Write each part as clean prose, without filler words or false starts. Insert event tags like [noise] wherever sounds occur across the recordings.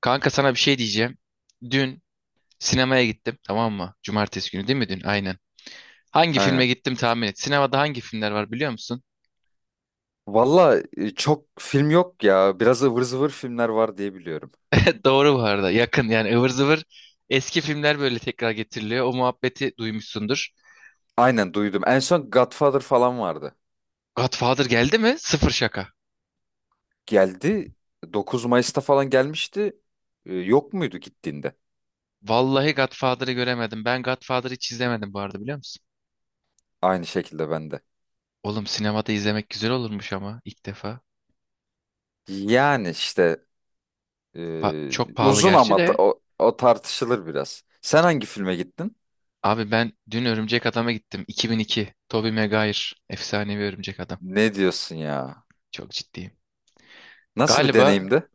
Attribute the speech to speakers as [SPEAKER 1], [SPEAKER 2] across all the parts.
[SPEAKER 1] Kanka sana bir şey diyeceğim. Dün sinemaya gittim, tamam mı? Cumartesi günü değil mi dün? Aynen. Hangi filme
[SPEAKER 2] Aynen.
[SPEAKER 1] gittim tahmin et. Sinemada hangi filmler var biliyor musun?
[SPEAKER 2] Valla çok film yok ya. Biraz ıvır zıvır filmler var diye biliyorum.
[SPEAKER 1] [laughs] Doğru bu arada. Yakın yani, ıvır zıvır eski filmler böyle tekrar getiriliyor. O muhabbeti duymuşsundur.
[SPEAKER 2] Aynen duydum. En son Godfather falan vardı.
[SPEAKER 1] Godfather geldi mi? Sıfır şaka.
[SPEAKER 2] Geldi. 9 Mayıs'ta falan gelmişti. Yok muydu gittiğinde?
[SPEAKER 1] Vallahi Godfather'ı göremedim. Ben Godfather'ı hiç izlemedim bu arada, biliyor musun?
[SPEAKER 2] Aynı şekilde bende.
[SPEAKER 1] Oğlum sinemada izlemek güzel olurmuş ama ilk defa.
[SPEAKER 2] Yani işte
[SPEAKER 1] Çok pahalı
[SPEAKER 2] uzun
[SPEAKER 1] gerçi
[SPEAKER 2] ama da-
[SPEAKER 1] de.
[SPEAKER 2] o, o tartışılır biraz. Sen hangi filme gittin?
[SPEAKER 1] Abi ben dün Örümcek Adam'a gittim. 2002. Tobey Maguire. Efsanevi Örümcek Adam.
[SPEAKER 2] Ne diyorsun ya?
[SPEAKER 1] Çok ciddiyim.
[SPEAKER 2] Nasıl bir
[SPEAKER 1] Galiba
[SPEAKER 2] deneyimdi?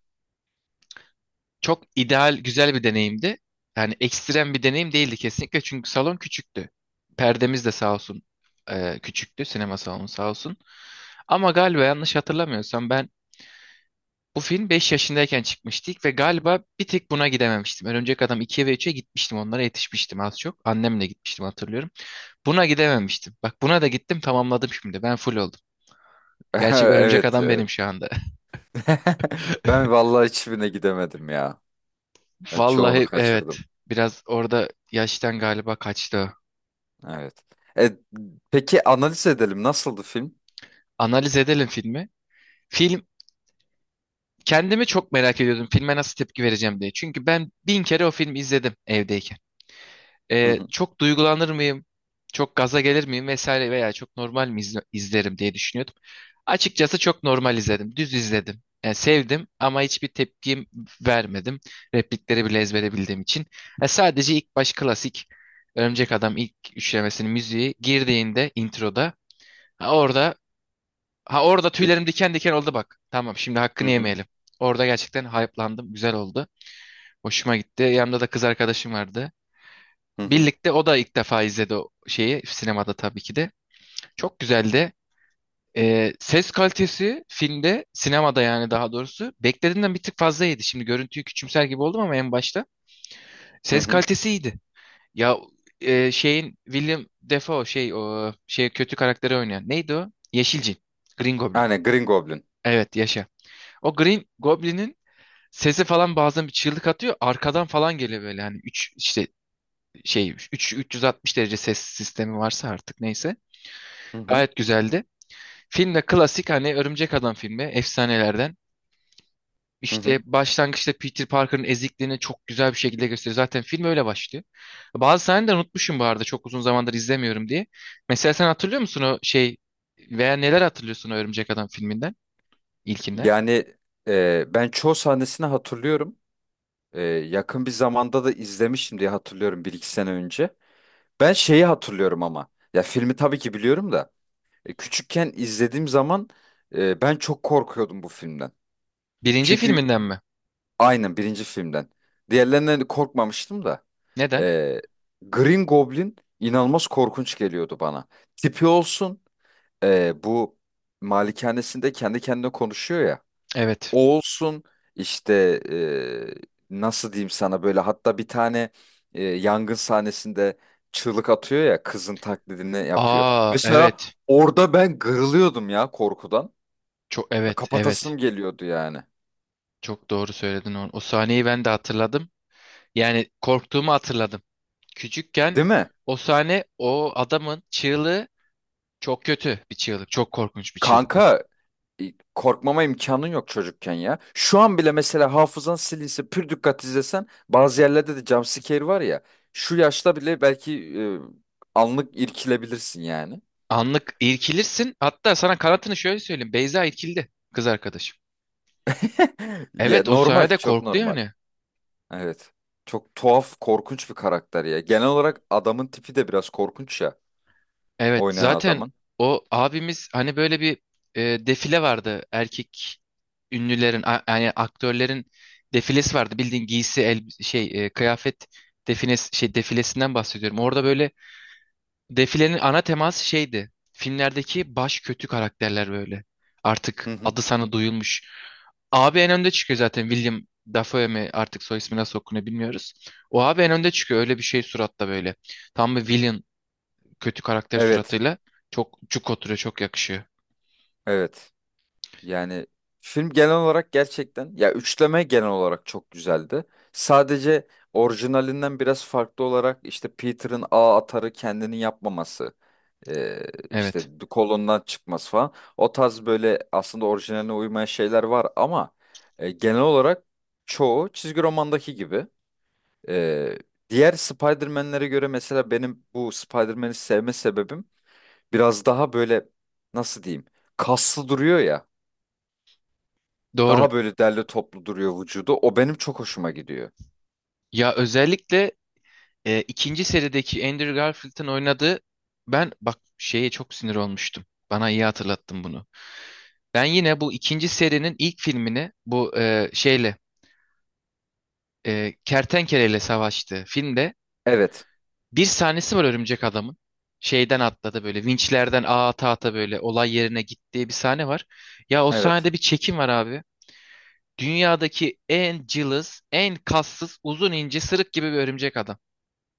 [SPEAKER 1] çok ideal, güzel bir deneyimdi. Yani ekstrem bir deneyim değildi kesinlikle, çünkü salon küçüktü. Perdemiz de sağ olsun küçüktü. Sinema salonu sağ olsun. Ama galiba yanlış hatırlamıyorsam ben bu film 5 yaşındayken çıkmıştık ve galiba bir tek buna gidememiştim. Örümcek Adam 2'ye ve 3'e gitmiştim. Onlara yetişmiştim az çok. Annemle gitmiştim, hatırlıyorum. Buna gidememiştim. Bak, buna da gittim, tamamladım şimdi. Ben full oldum.
[SPEAKER 2] [laughs]
[SPEAKER 1] Gerçek Örümcek
[SPEAKER 2] Evet,
[SPEAKER 1] Adam
[SPEAKER 2] evet.
[SPEAKER 1] benim şu anda.
[SPEAKER 2] [laughs] Ben vallahi hiçbirine gidemedim ya. Ben çoğunu
[SPEAKER 1] Vallahi evet.
[SPEAKER 2] kaçırdım.
[SPEAKER 1] Biraz orada yaştan galiba kaçtı o.
[SPEAKER 2] Evet. E, peki analiz edelim. Nasıldı film?
[SPEAKER 1] Analiz edelim filmi. Film, kendimi çok merak ediyordum. Filme nasıl tepki vereceğim diye. Çünkü ben bin kere o filmi izledim evdeyken.
[SPEAKER 2] Hı hı.
[SPEAKER 1] Çok duygulanır mıyım? Çok gaza gelir miyim vesaire, veya çok normal mi izlerim diye düşünüyordum. Açıkçası çok normal izledim. Düz izledim. Yani sevdim ama hiçbir tepkim vermedim. Replikleri bile ezbere bildiğim için. Sadece ilk baş, klasik Örümcek Adam ilk üçlemesinin müziği girdiğinde introda, ha orada ha orada
[SPEAKER 2] Bir-
[SPEAKER 1] tüylerim diken diken oldu bak. Tamam, şimdi
[SPEAKER 2] Hı
[SPEAKER 1] hakkını
[SPEAKER 2] hı.
[SPEAKER 1] yemeyelim. Orada gerçekten hype'landım. Güzel oldu. Hoşuma gitti. Yanımda da kız arkadaşım vardı.
[SPEAKER 2] Hı hı.
[SPEAKER 1] Birlikte, o da ilk defa izledi o şeyi sinemada tabii ki de. Çok güzeldi. Ses kalitesi filmde, sinemada yani, daha doğrusu beklediğimden bir tık fazlaydı. Şimdi görüntüyü küçümser gibi oldum ama en başta
[SPEAKER 2] Hı
[SPEAKER 1] ses
[SPEAKER 2] hı.
[SPEAKER 1] kalitesi iyiydi. Ya şeyin, William Defoe, şey, o şey, kötü karakteri oynayan neydi o? Yeşilcin. Green Goblin.
[SPEAKER 2] Aynen Green Goblin.
[SPEAKER 1] Evet, yaşa. O Green Goblin'in sesi falan, bazen bir çığlık atıyor. Arkadan falan geliyor, böyle hani 3 işte şey, 3 360 derece ses sistemi varsa artık, neyse.
[SPEAKER 2] Hı hı.
[SPEAKER 1] Gayet güzeldi. Film de klasik hani, Örümcek Adam filmi efsanelerden.
[SPEAKER 2] Hı
[SPEAKER 1] İşte
[SPEAKER 2] hı.
[SPEAKER 1] başlangıçta Peter Parker'ın ezikliğini çok güzel bir şekilde gösteriyor. Zaten film öyle başlıyor. Bazı sahneleri unutmuşum bu arada, çok uzun zamandır izlemiyorum diye. Mesela sen hatırlıyor musun o şey, veya neler hatırlıyorsun o Örümcek Adam filminden? İlkinden?
[SPEAKER 2] Yani ben çoğu sahnesini hatırlıyorum. Yakın bir zamanda da izlemiştim diye hatırlıyorum bir iki sene önce. Ben şeyi hatırlıyorum ama. Ya filmi tabii ki biliyorum da. Küçükken izlediğim zaman ben çok korkuyordum bu filmden.
[SPEAKER 1] Birinci
[SPEAKER 2] Çünkü
[SPEAKER 1] filminden mi?
[SPEAKER 2] aynen birinci filmden. Diğerlerinden korkmamıştım da.
[SPEAKER 1] Neden?
[SPEAKER 2] Ee, Green Goblin inanılmaz korkunç geliyordu bana. Tipi olsun, bu malikanesinde kendi kendine konuşuyor ya.
[SPEAKER 1] Evet.
[SPEAKER 2] O olsun işte, nasıl diyeyim sana böyle, hatta bir tane yangın sahnesinde çığlık atıyor ya, kızın taklidini yapıyor.
[SPEAKER 1] Aa,
[SPEAKER 2] Mesela
[SPEAKER 1] evet.
[SPEAKER 2] orada ben kırılıyordum ya korkudan.
[SPEAKER 1] Çok,
[SPEAKER 2] Ya
[SPEAKER 1] evet, evet.
[SPEAKER 2] kapatasım geliyordu yani.
[SPEAKER 1] Çok doğru söyledin onu. O sahneyi ben de hatırladım. Yani korktuğumu hatırladım. Küçükken
[SPEAKER 2] Değil mi?
[SPEAKER 1] o sahne, o adamın çığlığı, çok kötü bir çığlık. Çok korkunç bir çığlık.
[SPEAKER 2] Kanka, e, korkmama imkanın yok çocukken ya. Şu an bile mesela hafızan silinse, pür dikkat izlesen bazı yerlerde de jumpscare var ya. Şu yaşta bile belki anlık irkilebilirsin yani.
[SPEAKER 1] Anlık irkilirsin. Hatta sana kanatını şöyle söyleyeyim. Beyza irkildi, kız arkadaşım.
[SPEAKER 2] [laughs] Ya
[SPEAKER 1] Evet, o
[SPEAKER 2] normal,
[SPEAKER 1] sahnede
[SPEAKER 2] çok
[SPEAKER 1] korktu
[SPEAKER 2] normal.
[SPEAKER 1] yani.
[SPEAKER 2] Evet. Çok tuhaf, korkunç bir karakter ya. Genel olarak adamın tipi de biraz korkunç ya.
[SPEAKER 1] Evet
[SPEAKER 2] Oynayan
[SPEAKER 1] zaten,
[SPEAKER 2] adamın.
[SPEAKER 1] o abimiz hani, böyle bir defile vardı. Erkek ünlülerin yani aktörlerin defilesi vardı. Bildiğin giysi el şey, kıyafet defines şey defilesinden bahsediyorum. Orada böyle, defilenin ana teması şeydi. Filmlerdeki baş kötü karakterler böyle.
[SPEAKER 2] Hı
[SPEAKER 1] Artık
[SPEAKER 2] hı.
[SPEAKER 1] adı sana duyulmuş. Abi en önde çıkıyor zaten, William Dafoe mi, artık soy ismi nasıl okunuyor bilmiyoruz. O abi en önde çıkıyor, öyle bir şey suratta böyle. Tam bir villain, kötü karakter
[SPEAKER 2] Evet.
[SPEAKER 1] suratıyla çok cuk oturuyor, çok yakışıyor.
[SPEAKER 2] Evet. Yani film genel olarak gerçekten, ya üçleme genel olarak çok güzeldi. Sadece orijinalinden biraz farklı olarak işte Peter'ın ağ atarı kendini yapmaması, e, işte
[SPEAKER 1] Evet.
[SPEAKER 2] kolondan çıkması falan. O tarz böyle aslında orijinaline uymayan şeyler var ama genel olarak çoğu çizgi romandaki gibi. E, diğer Spider-Man'lere göre mesela benim bu Spider-Man'i sevme sebebim biraz daha böyle, nasıl diyeyim, kaslı duruyor ya.
[SPEAKER 1] Doğru.
[SPEAKER 2] Daha böyle derli toplu duruyor vücudu. O benim çok hoşuma gidiyor.
[SPEAKER 1] Ya özellikle ikinci serideki Andrew Garfield'ın oynadığı, ben bak şeye çok sinir olmuştum. Bana iyi hatırlattın bunu. Ben yine bu ikinci serinin ilk filmini, bu şeyle, kertenkeleyle savaştığı filmde
[SPEAKER 2] Evet.
[SPEAKER 1] bir sahnesi var örümcek adamın. Şeyden atladı, böyle vinçlerden ağa ata ata böyle olay yerine gittiği bir sahne var. Ya o
[SPEAKER 2] Evet.
[SPEAKER 1] sahnede bir çekim var abi. Dünyadaki en cılız, en kassız, uzun ince, sırık gibi bir örümcek adam.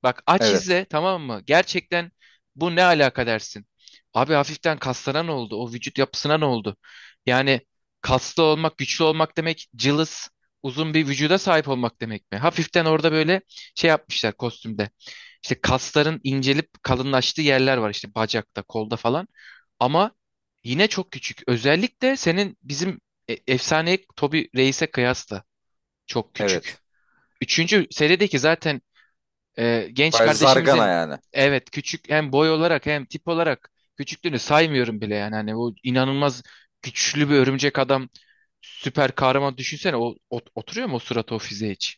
[SPEAKER 1] Bak, aç
[SPEAKER 2] Evet.
[SPEAKER 1] izle tamam mı? Gerçekten bu ne alaka dersin? Abi hafiften kaslara ne oldu? O vücut yapısına ne oldu? Yani kaslı olmak, güçlü olmak demek cılız, uzun bir vücuda sahip olmak demek mi? Hafiften orada böyle şey yapmışlar kostümde. İşte kasların incelip kalınlaştığı yerler var, işte bacakta, kolda falan. Ama yine çok küçük. Özellikle senin bizim efsane Toby Reis'e kıyasla çok küçük.
[SPEAKER 2] Evet.
[SPEAKER 1] Üçüncü serideki zaten genç
[SPEAKER 2] Baya zargana
[SPEAKER 1] kardeşimizin,
[SPEAKER 2] yani.
[SPEAKER 1] evet, küçük hem boy olarak hem tip olarak. Küçüklüğünü saymıyorum bile yani, hani o inanılmaz güçlü bir örümcek adam, süper kahraman, düşünsene oturuyor mu o suratı o fiziğe hiç?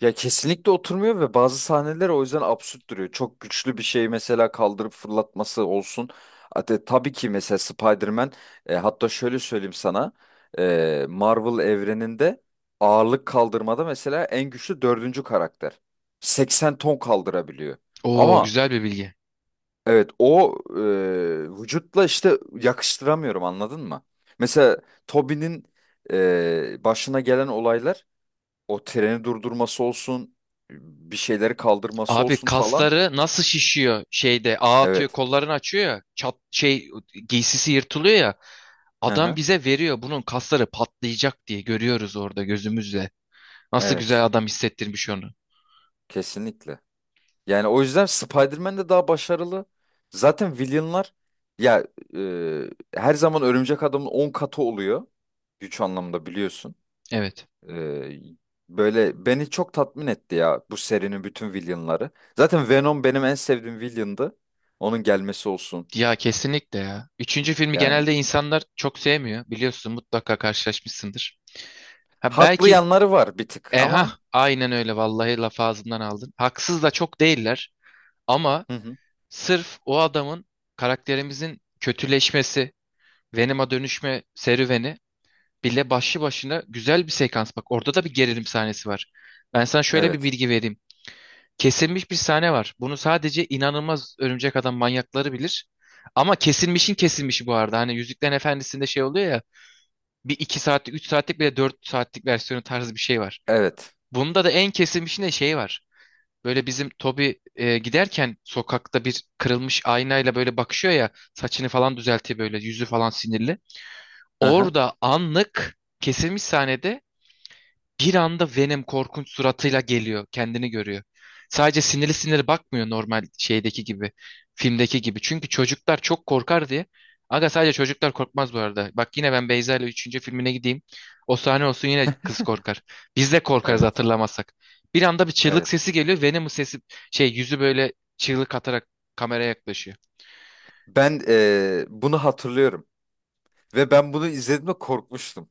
[SPEAKER 2] Ya kesinlikle oturmuyor ve bazı sahneler o yüzden absürt duruyor. Çok güçlü bir şeyi mesela kaldırıp fırlatması olsun. Hatta tabii ki mesela Spider-Man, hatta şöyle söyleyeyim sana. Marvel evreninde ağırlık kaldırmada mesela en güçlü dördüncü karakter. 80 ton kaldırabiliyor.
[SPEAKER 1] Oo,
[SPEAKER 2] Ama
[SPEAKER 1] güzel bir bilgi.
[SPEAKER 2] evet, o vücutla işte yakıştıramıyorum, anladın mı? Mesela Toby'nin başına gelen olaylar, o treni durdurması olsun, bir şeyleri kaldırması
[SPEAKER 1] Abi
[SPEAKER 2] olsun falan.
[SPEAKER 1] kasları nasıl şişiyor, şeyde ağ atıyor,
[SPEAKER 2] Evet.
[SPEAKER 1] kollarını açıyor ya, çat, şey, giysisi yırtılıyor ya,
[SPEAKER 2] Hı
[SPEAKER 1] adam
[SPEAKER 2] hı.
[SPEAKER 1] bize veriyor bunun kasları patlayacak diye, görüyoruz orada gözümüzle. Nasıl güzel
[SPEAKER 2] Evet.
[SPEAKER 1] adam hissettirmiş onu.
[SPEAKER 2] Kesinlikle. Yani o yüzden Spider-Man de daha başarılı. Zaten villainlar ya, her zaman Örümcek Adam'ın 10 katı oluyor. Güç anlamında biliyorsun.
[SPEAKER 1] Evet.
[SPEAKER 2] Ee, böyle beni çok tatmin etti ya bu serinin bütün villainları. Zaten Venom benim en sevdiğim villain'dı. Onun gelmesi olsun.
[SPEAKER 1] Ya kesinlikle ya. Üçüncü filmi
[SPEAKER 2] Yani
[SPEAKER 1] genelde insanlar çok sevmiyor. Biliyorsun, mutlaka karşılaşmışsındır. Ha
[SPEAKER 2] haklı
[SPEAKER 1] belki
[SPEAKER 2] yanları var bir tık ama.
[SPEAKER 1] aynen, öyle vallahi, laf ağzımdan aldın. Haksız da çok değiller ama
[SPEAKER 2] Hı hı.
[SPEAKER 1] sırf o adamın, karakterimizin kötüleşmesi, Venom'a dönüşme serüveni bile başlı başına güzel bir sekans. Bak orada da bir gerilim sahnesi var. Ben sana şöyle bir
[SPEAKER 2] Evet.
[SPEAKER 1] bilgi vereyim. Kesilmiş bir sahne var. Bunu sadece inanılmaz örümcek adam manyakları bilir. Ama kesilmişin kesilmişi bu arada. Hani Yüzüklerin Efendisi'nde şey oluyor ya. Bir iki saatlik, üç saatlik, bile dört saatlik versiyonu tarzı bir şey var.
[SPEAKER 2] Evet.
[SPEAKER 1] Bunda da en kesilmişinde şey var. Böyle bizim Toby giderken sokakta bir kırılmış aynayla böyle bakışıyor ya. Saçını falan düzeltiyor böyle. Yüzü falan sinirli.
[SPEAKER 2] Hı hı.
[SPEAKER 1] Orada anlık kesilmiş sahnede bir anda Venom korkunç suratıyla geliyor. Kendini görüyor. Sadece sinirli sinirli bakmıyor, normal şeydeki gibi. Filmdeki gibi. Çünkü çocuklar çok korkar diye. Aga, sadece çocuklar korkmaz bu arada. Bak, yine ben Beyza ile üçüncü filmine gideyim. O sahne olsun, yine kız korkar. Biz de korkarız,
[SPEAKER 2] Evet.
[SPEAKER 1] hatırlamazsak. Bir anda bir çığlık
[SPEAKER 2] Evet.
[SPEAKER 1] sesi geliyor. Venom'un sesi, şey, yüzü böyle çığlık atarak kameraya yaklaşıyor.
[SPEAKER 2] Ben bunu hatırlıyorum ve ben bunu izlediğimde korkmuştum.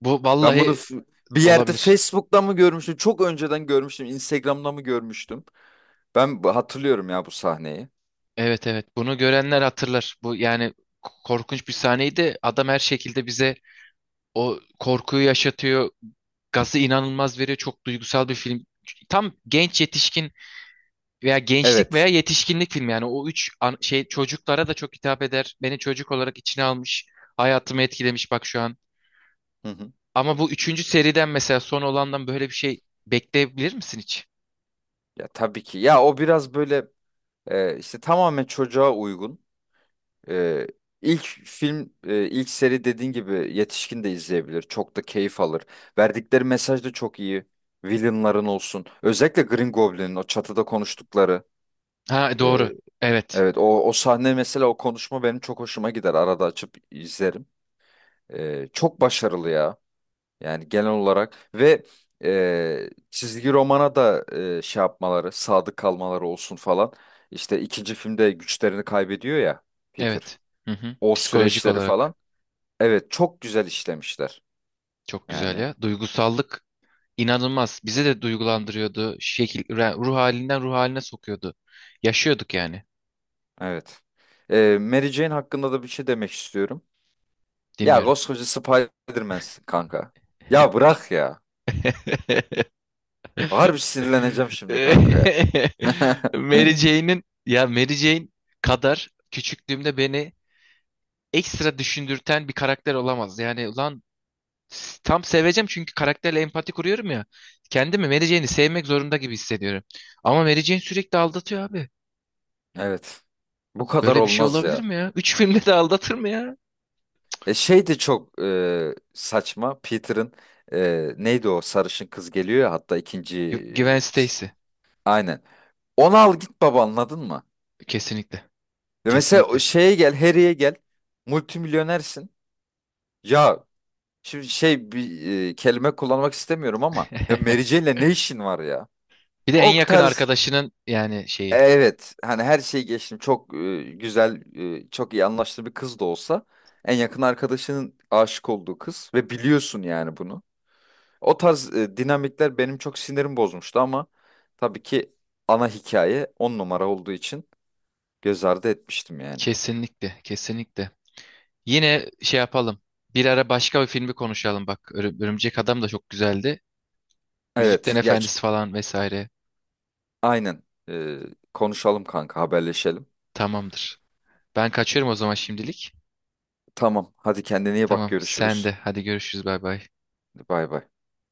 [SPEAKER 1] Bu
[SPEAKER 2] Ben bunu
[SPEAKER 1] vallahi
[SPEAKER 2] bir yerde
[SPEAKER 1] olabilir.
[SPEAKER 2] Facebook'ta mı görmüştüm? Çok önceden görmüştüm. Instagram'da mı görmüştüm? Ben hatırlıyorum ya bu sahneyi.
[SPEAKER 1] Evet, evet, bunu görenler hatırlar. Bu yani korkunç bir sahneydi. Adam her şekilde bize o korkuyu yaşatıyor. Gazı inanılmaz veriyor. Çok duygusal bir film. Tam genç yetişkin veya gençlik veya
[SPEAKER 2] Evet.
[SPEAKER 1] yetişkinlik filmi yani, o üç çocuklara da çok hitap eder. Beni çocuk olarak içine almış. Hayatımı etkilemiş bak şu an.
[SPEAKER 2] Hı hı.
[SPEAKER 1] Ama bu üçüncü seriden mesela, son olandan böyle bir şey bekleyebilir misin hiç?
[SPEAKER 2] Ya tabii ki. Ya o biraz böyle. İşte tamamen çocuğa uygun. Ee, ilk film, ilk seri dediğin gibi yetişkin de izleyebilir. Çok da keyif alır. Verdikleri mesaj da çok iyi. Villainların olsun. Özellikle Green Goblin'in o çatıda konuştukları.
[SPEAKER 1] Ha,
[SPEAKER 2] e,
[SPEAKER 1] doğru. Evet.
[SPEAKER 2] evet, o sahne mesela, o konuşma benim çok hoşuma gider. Arada açıp izlerim. Çok başarılı ya. Yani genel olarak ve çizgi romana da şey yapmaları, sadık kalmaları olsun falan. İşte ikinci filmde güçlerini kaybediyor ya, Peter.
[SPEAKER 1] Evet. Hı hı.
[SPEAKER 2] O
[SPEAKER 1] Psikolojik
[SPEAKER 2] süreçleri
[SPEAKER 1] olarak
[SPEAKER 2] falan. Evet, çok güzel işlemişler.
[SPEAKER 1] çok güzel
[SPEAKER 2] Yani
[SPEAKER 1] ya. Duygusallık İnanılmaz. Bize de duygulandırıyordu. Şekil, ruh halinden ruh haline sokuyordu. Yaşıyorduk yani.
[SPEAKER 2] evet. Mary Jane hakkında da bir şey demek istiyorum. Ya
[SPEAKER 1] Dinliyorum.
[SPEAKER 2] koskoca Spider-Man'sin kanka. Ya bırak ya.
[SPEAKER 1] [laughs]
[SPEAKER 2] Harbi sinirleneceğim şimdi kanka ya.
[SPEAKER 1] Mary
[SPEAKER 2] [laughs]
[SPEAKER 1] Jane'in, ya, Mary Jane kadar küçüklüğümde beni ekstra düşündürten bir karakter olamaz. Yani ulan, tam seveceğim çünkü karakterle empati kuruyorum ya. Kendimi Mary Jane'i sevmek zorunda gibi hissediyorum. Ama Mary Jane sürekli aldatıyor abi.
[SPEAKER 2] Evet. Bu kadar
[SPEAKER 1] Böyle bir şey
[SPEAKER 2] olmaz
[SPEAKER 1] olabilir
[SPEAKER 2] ya.
[SPEAKER 1] mi ya? Üç filmde de aldatır mı ya?
[SPEAKER 2] Şey de çok saçma. Peter'ın, neydi o sarışın kız geliyor ya, hatta ikinci,
[SPEAKER 1] Gwen
[SPEAKER 2] e, s-
[SPEAKER 1] Stacy.
[SPEAKER 2] aynen. Onu al git baba, anladın mı?
[SPEAKER 1] Kesinlikle.
[SPEAKER 2] Ve mesela o
[SPEAKER 1] Kesinlikle.
[SPEAKER 2] şeye gel, Harry'e gel. Multimilyonersin. Ya şimdi şey, bir kelime kullanmak istemiyorum ama ya Mary
[SPEAKER 1] [laughs]
[SPEAKER 2] Jane'le ne işin var ya?
[SPEAKER 1] Bir de en
[SPEAKER 2] O
[SPEAKER 1] yakın
[SPEAKER 2] tarz,
[SPEAKER 1] arkadaşının, yani şeyi.
[SPEAKER 2] evet hani, her şeyi geçtim, çok güzel, çok iyi anlaştığı bir kız da olsa, en yakın arkadaşının aşık olduğu kız ve biliyorsun yani bunu. O tarz dinamikler benim çok sinirim bozmuştu ama tabii ki ana hikaye 10 numara olduğu için göz ardı etmiştim yani.
[SPEAKER 1] Kesinlikle, kesinlikle. Yine şey yapalım. Bir ara başka bir filmi konuşalım bak. Örümcek Adam da çok güzeldi. Yüzüklerin
[SPEAKER 2] Evet, ya
[SPEAKER 1] Efendisi falan vesaire.
[SPEAKER 2] aynen. E, konuşalım kanka, haberleşelim.
[SPEAKER 1] Tamamdır. Ben kaçıyorum o zaman şimdilik.
[SPEAKER 2] Tamam, hadi kendine iyi bak,
[SPEAKER 1] Tamam, sen
[SPEAKER 2] görüşürüz.
[SPEAKER 1] de. Hadi görüşürüz. Bay bay.
[SPEAKER 2] Bay bay.